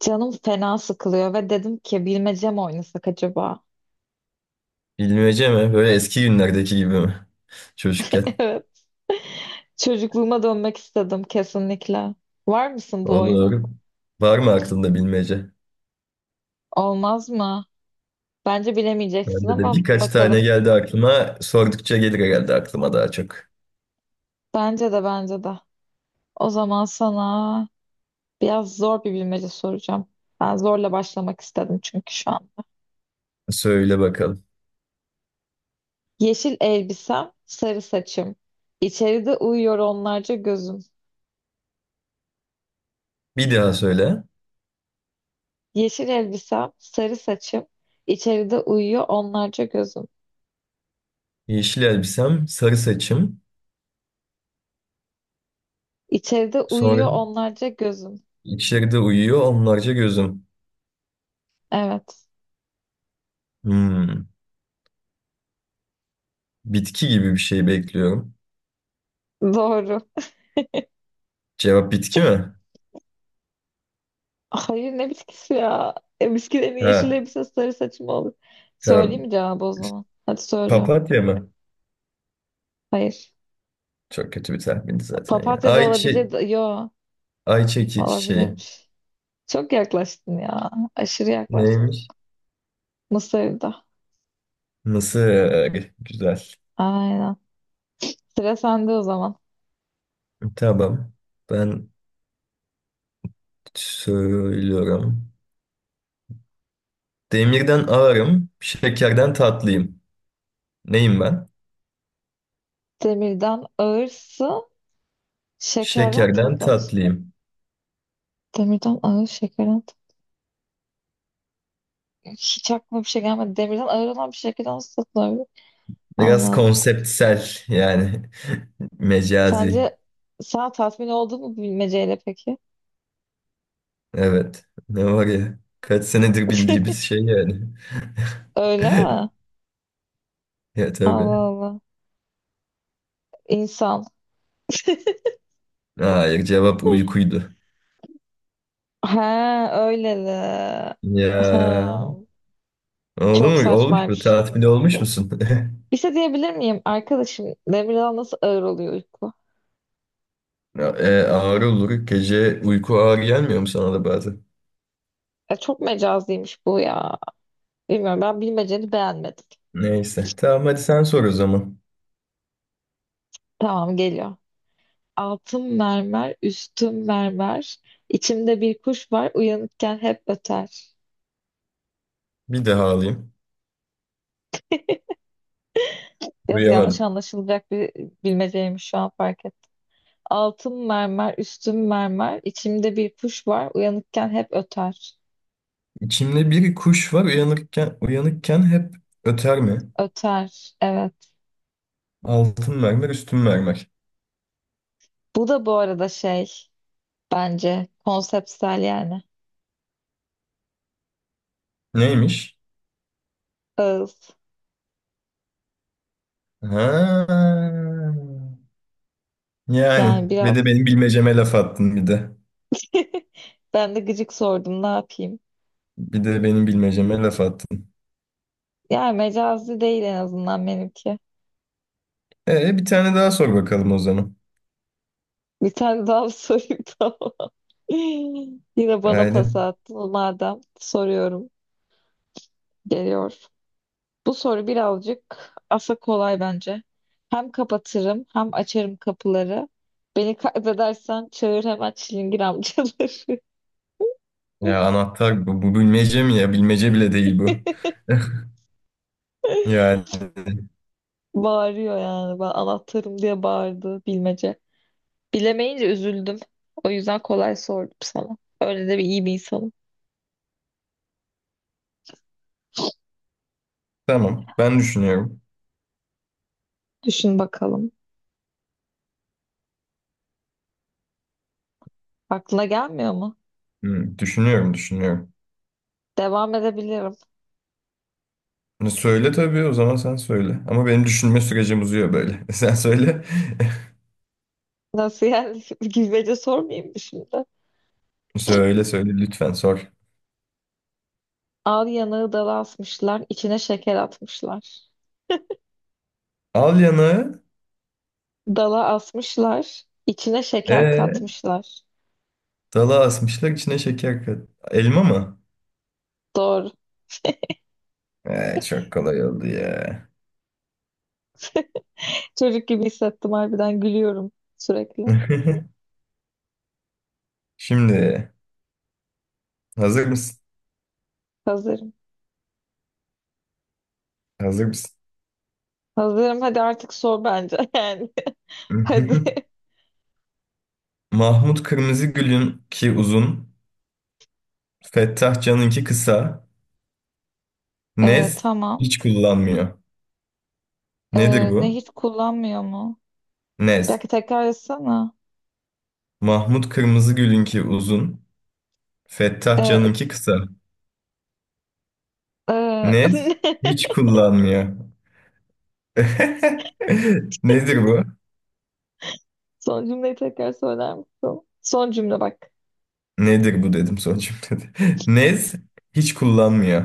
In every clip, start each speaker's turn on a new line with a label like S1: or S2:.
S1: Canım fena sıkılıyor ve dedim ki bilmece mi oynasak acaba?
S2: Bilmece mi? Böyle eski günlerdeki gibi mi? Çocukken.
S1: Evet. Çocukluğuma dönmek istedim kesinlikle. Var mısın bu oyuna?
S2: Olur. Var mı aklında bilmece?
S1: Olmaz mı? Bence bilemeyeceksin
S2: Bende de
S1: ama
S2: birkaç tane
S1: bakalım.
S2: geldi aklıma. Sordukça gelir herhalde aklıma daha çok.
S1: Bence de bence de. O zaman sana biraz zor bir bilmece soracağım. Ben zorla başlamak istedim çünkü şu an.
S2: Söyle bakalım.
S1: Yeşil elbisem, sarı saçım. İçeride uyuyor onlarca gözüm.
S2: Bir daha söyle.
S1: Yeşil elbisem, sarı saçım. İçeride uyuyor onlarca gözüm.
S2: Yeşil elbisem, sarı saçım.
S1: İçeride uyuyor
S2: Sonra
S1: onlarca gözüm.
S2: içeride uyuyor onlarca gözüm.
S1: Evet.
S2: Hmm. Bitki gibi bir şey bekliyorum.
S1: Doğru.
S2: Cevap bitki mi?
S1: Hayır ne bitkisi ya? Bitkilerin yeşil
S2: Ha,
S1: elbise sarı saçı mı olur? Söyleyeyim
S2: tamam.
S1: mi cevabı o zaman? Hadi söylüyorum.
S2: Papatya mı?
S1: Hayır.
S2: Çok kötü bir tahmindi zaten ya.
S1: Papatya da
S2: Ayçi,
S1: olabilir. Yo.
S2: ayçiçeği.
S1: Olabilirmiş. Çok yaklaştın ya. Aşırı yaklaştın.
S2: Neymiş?
S1: Mısır'da.
S2: Mısır. Güzel.
S1: Aynen. Sıra sende o zaman.
S2: Tamam. Ben söylüyorum. Demirden ağırım, şekerden tatlıyım. Neyim ben?
S1: Demirden ağırsın. Şekerden
S2: Şekerden
S1: tatlı mısın?
S2: tatlıyım.
S1: Demirden ağır, şekerden tatlı. Hiç aklıma bir şey gelmedi. Demirden ağır olan bir şekerden nasıl tatlı olabilir? Allah
S2: Biraz
S1: Allah.
S2: konseptsel yani mecazi.
S1: Sence sen tatmin oldun mu bilmeceyle peki?
S2: Evet. Ne var ya? Kaç senedir bildiğimiz şey yani.
S1: Öyle mi?
S2: Ya tabii.
S1: Allah Allah. İnsan.
S2: Hayır, cevap uykuydu.
S1: He öyle de. Ha,
S2: Ya, oldu
S1: çok
S2: mu? Olmuş mu?
S1: saçmaymış.
S2: Tatmin olmuş musun?
S1: Bir şey diyebilir miyim? Arkadaşım Demirel nasıl ağır oluyor uyku?
S2: Ya, ağrı olur. Gece uyku ağır gelmiyor mu sana da bazen?
S1: Çok mecazlıymış bu ya. Bilmiyorum ben bilmeceni beğenmedim.
S2: Neyse. Tamam, hadi sen sor o zaman.
S1: Tamam geliyor. Altın mermer, üstüm mermer. İçimde bir kuş var, uyanıkken hep öter.
S2: Bir daha alayım.
S1: Biraz yanlış
S2: Duyamadım.
S1: anlaşılacak bir bilmeceymiş şu an fark ettim. Altın mermer, üstün mermer, içimde bir kuş var, uyanıkken hep öter.
S2: İçimde bir kuş var, uyanırken uyanıkken hep öter mi?
S1: Öter, evet.
S2: Altın mermer, üstün mermer.
S1: Bu da bu arada şey, bence konseptsel yani.
S2: Neymiş?
S1: Ağız.
S2: Ha. Yani
S1: Yani
S2: bir de
S1: biraz
S2: benim bilmeceme laf attın bir de.
S1: ben de gıcık sordum, ne yapayım?
S2: Bir de benim bilmeceme laf attın.
S1: Yani mecazi değil en azından benimki.
S2: Bir tane daha sor bakalım o zaman.
S1: Bir tane daha sorayım tamam. Yine bana pas
S2: Aynen.
S1: attın madem. Soruyorum. Geliyor. Bu soru birazcık asa kolay bence. Hem kapatırım hem açarım kapıları. Beni kaybedersen çağır hemen çilingir amcaları.
S2: Ya anahtar bu, bu bilmece mi ya? Bilmece bile değil bu. Yani.
S1: Bağırıyor yani. Ben anahtarım diye bağırdı bilmece. Bilemeyince üzüldüm. O yüzden kolay sordum sana. Öyle de bir iyi bir insanım.
S2: Tamam. Ben düşünüyorum.
S1: Düşün bakalım. Aklına gelmiyor mu?
S2: Hmm, düşünüyorum, düşünüyorum.
S1: Devam edebilirim.
S2: Ne söyle tabii, o zaman sen söyle. Ama benim düşünme sürecim uzuyor böyle. Sen söyle.
S1: Nasıl yani? Bilmece sormayayım mı şimdi?
S2: Söyle söyle, lütfen sor.
S1: Al yanağı dala asmışlar, içine şeker atmışlar.
S2: Al yanağı.
S1: Dala asmışlar. İçine şeker
S2: Ee,
S1: katmışlar.
S2: dala asmışlar içine şeker kat. Elma mı?
S1: Doğru.
S2: Çok kolay oldu ya.
S1: Çocuk gibi hissettim harbiden gülüyorum sürekli.
S2: Şimdi hazır mısın?
S1: Hazırım.
S2: Hazır mısın?
S1: Hazırım hadi artık sor bence yani. Hadi.
S2: Mahmut Kırmızıgül'ün ki uzun, Fettah Can'ınki kısa, Nez
S1: Tamam.
S2: hiç kullanmıyor.
S1: Ee,
S2: Nedir bu?
S1: Nehir kullanmıyor mu? Bir
S2: Nez.
S1: dakika tekrar etsene.
S2: Mahmut Kırmızıgül'ünki uzun. Fettah
S1: Ee,
S2: Can'ınki kısa.
S1: e,
S2: Nez hiç kullanmıyor. Nedir bu?
S1: Son cümleyi tekrar söyler misin? Son cümle bak.
S2: Nedir bu dedim son cümlede. Nez hiç kullanmıyor.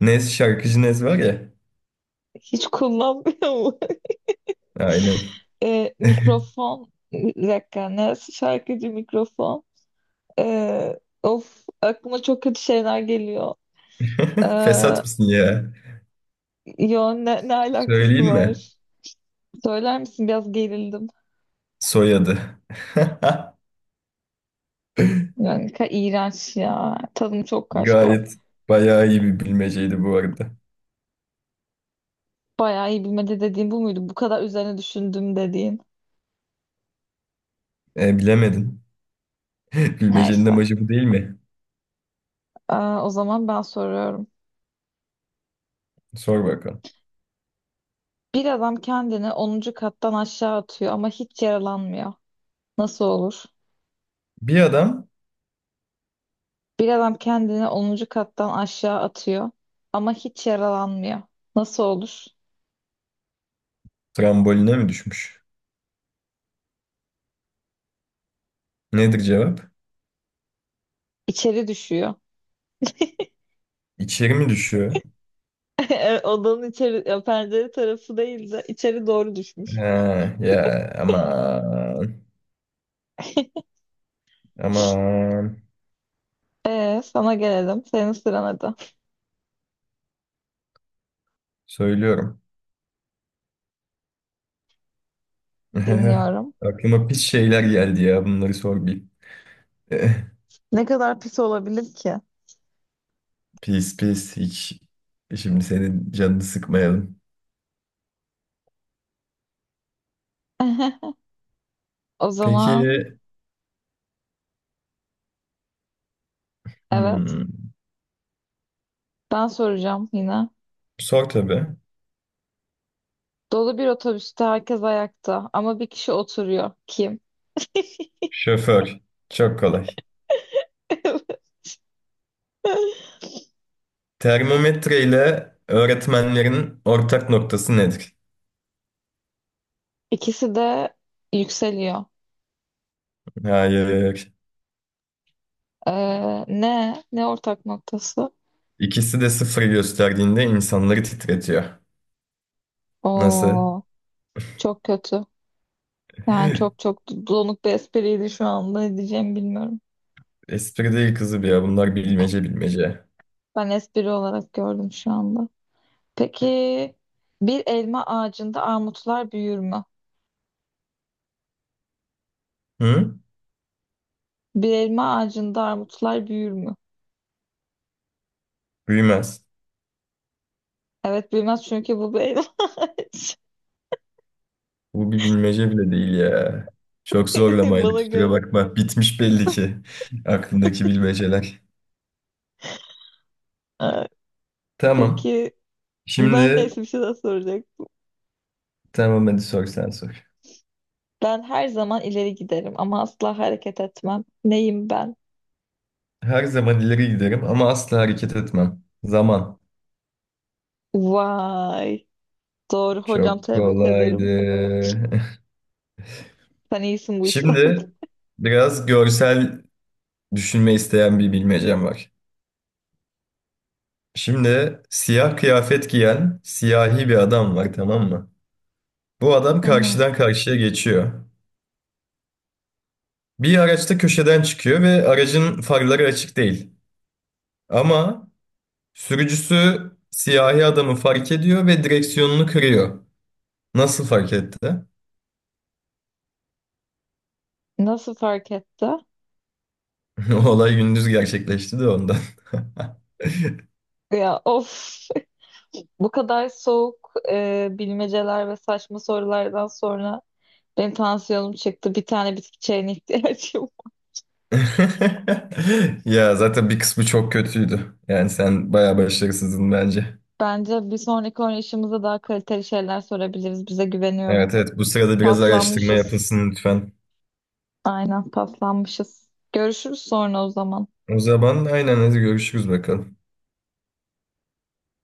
S2: Nez, şarkıcı Nez var ya.
S1: Hiç kullanmıyor mu?
S2: Aynen.
S1: Mikrofon. Bir dakika. Neresi şarkıcı mikrofon? Of aklıma çok kötü şeyler geliyor. Ee,
S2: Fesat mısın ya?
S1: Yo ne alakası
S2: Söyleyeyim mi?
S1: var? Söyler misin? Biraz gerildim.
S2: Soyadı.
S1: Yani iğrenç ya. Tadım çok kaçtı. Of.
S2: Gayet bayağı iyi bir bilmeceydi bu arada.
S1: Bayağı iyi bilmece dediğim bu muydu? Bu kadar üzerine düşündüm dediğin.
S2: Bilemedin. Bilmecenin
S1: Neyse.
S2: amacı bu değil mi?
S1: O zaman ben soruyorum.
S2: Sor bakalım.
S1: Bir adam kendini onuncu kattan aşağı atıyor ama hiç yaralanmıyor. Nasıl olur?
S2: Bir adam
S1: Bir adam kendini onuncu kattan aşağı atıyor ama hiç yaralanmıyor. Nasıl olur?
S2: tramboline mi düşmüş? Nedir cevap?
S1: İçeri düşüyor.
S2: İçeri mi düşüyor?
S1: Odanın içeri, ya pencere tarafı değil de içeri doğru düşmüş.
S2: Ha, ya aman, aman
S1: Sana gelelim. Senin sıran hadi.
S2: söylüyorum.
S1: Dinliyorum.
S2: Aklıma pis şeyler geldi ya, bunları sor bir.
S1: Ne kadar pis olabilir ki?
S2: Pis pis hiç, şimdi senin canını sıkmayalım.
S1: O
S2: Peki,
S1: zaman evet.
S2: hmm,
S1: Ben soracağım yine.
S2: sor tabii.
S1: Dolu bir otobüste herkes ayakta ama bir kişi oturuyor. Kim?
S2: Şoför, çok kolay. Termometre ile öğretmenlerin ortak noktası nedir?
S1: İkisi de yükseliyor.
S2: Hayır.
S1: Ne? Ne ortak noktası?
S2: İkisi de sıfır gösterdiğinde insanları titretiyor. Nasıl?
S1: Oo, çok kötü. Yani çok çok donuk bir espriydi şu anda. Ne diyeceğimi bilmiyorum.
S2: Espri değil kızı bir ya. Bunlar bilmece, bilmece.
S1: Ben espri olarak gördüm şu anda. Peki bir elma ağacında armutlar büyür mü?
S2: Hı?
S1: Bir elma ağacında armutlar büyür mü?
S2: Büyümez.
S1: Evet büyümez çünkü bu bir elma ağacı.
S2: Bu bir bilmece bile değil ya. Çok zorlamaydı,
S1: Bana
S2: kusura
S1: göre.
S2: bakma. Bitmiş belli ki aklındaki bilmeceler.
S1: Evet.
S2: Tamam.
S1: Peki ben
S2: Şimdi
S1: neyse bir şey daha soracak.
S2: tamam, hadi sor, sen sor.
S1: Ben her zaman ileri giderim ama asla hareket etmem. Neyim ben?
S2: Her zaman ileri giderim ama asla hareket etmem. Zaman.
S1: Vay. Doğru
S2: Çok
S1: hocam tebrik
S2: kolaydı.
S1: ederim. Sen iyisin bu işlerde.
S2: Şimdi biraz görsel düşünme isteyen bir bilmecem var. Şimdi siyah kıyafet giyen siyahi bir adam var, tamam mı? Bu adam
S1: Hı hı.
S2: karşıdan karşıya geçiyor. Bir araçta köşeden çıkıyor ve aracın farları açık değil. Ama sürücüsü siyahi adamı fark ediyor ve direksiyonunu kırıyor. Nasıl fark etti?
S1: Nasıl fark etti?
S2: O olay gündüz gerçekleşti de ondan.
S1: Ya of. Bu kadar soğuk bilmeceler ve saçma sorulardan sonra benim tansiyonum çıktı. Bir tane bitki çayına ihtiyacım var.
S2: Ya zaten bir kısmı çok kötüydü. Yani sen bayağı başarısızdın bence.
S1: Bence bir sonraki oynayışımızda daha kaliteli şeyler sorabiliriz. Bize güveniyorum.
S2: Evet, evet, bu sırada biraz araştırma
S1: Paslanmışız.
S2: yapılsın lütfen.
S1: Aynen paslanmışız. Görüşürüz sonra o zaman.
S2: O zaman aynen, hadi görüşürüz bakalım.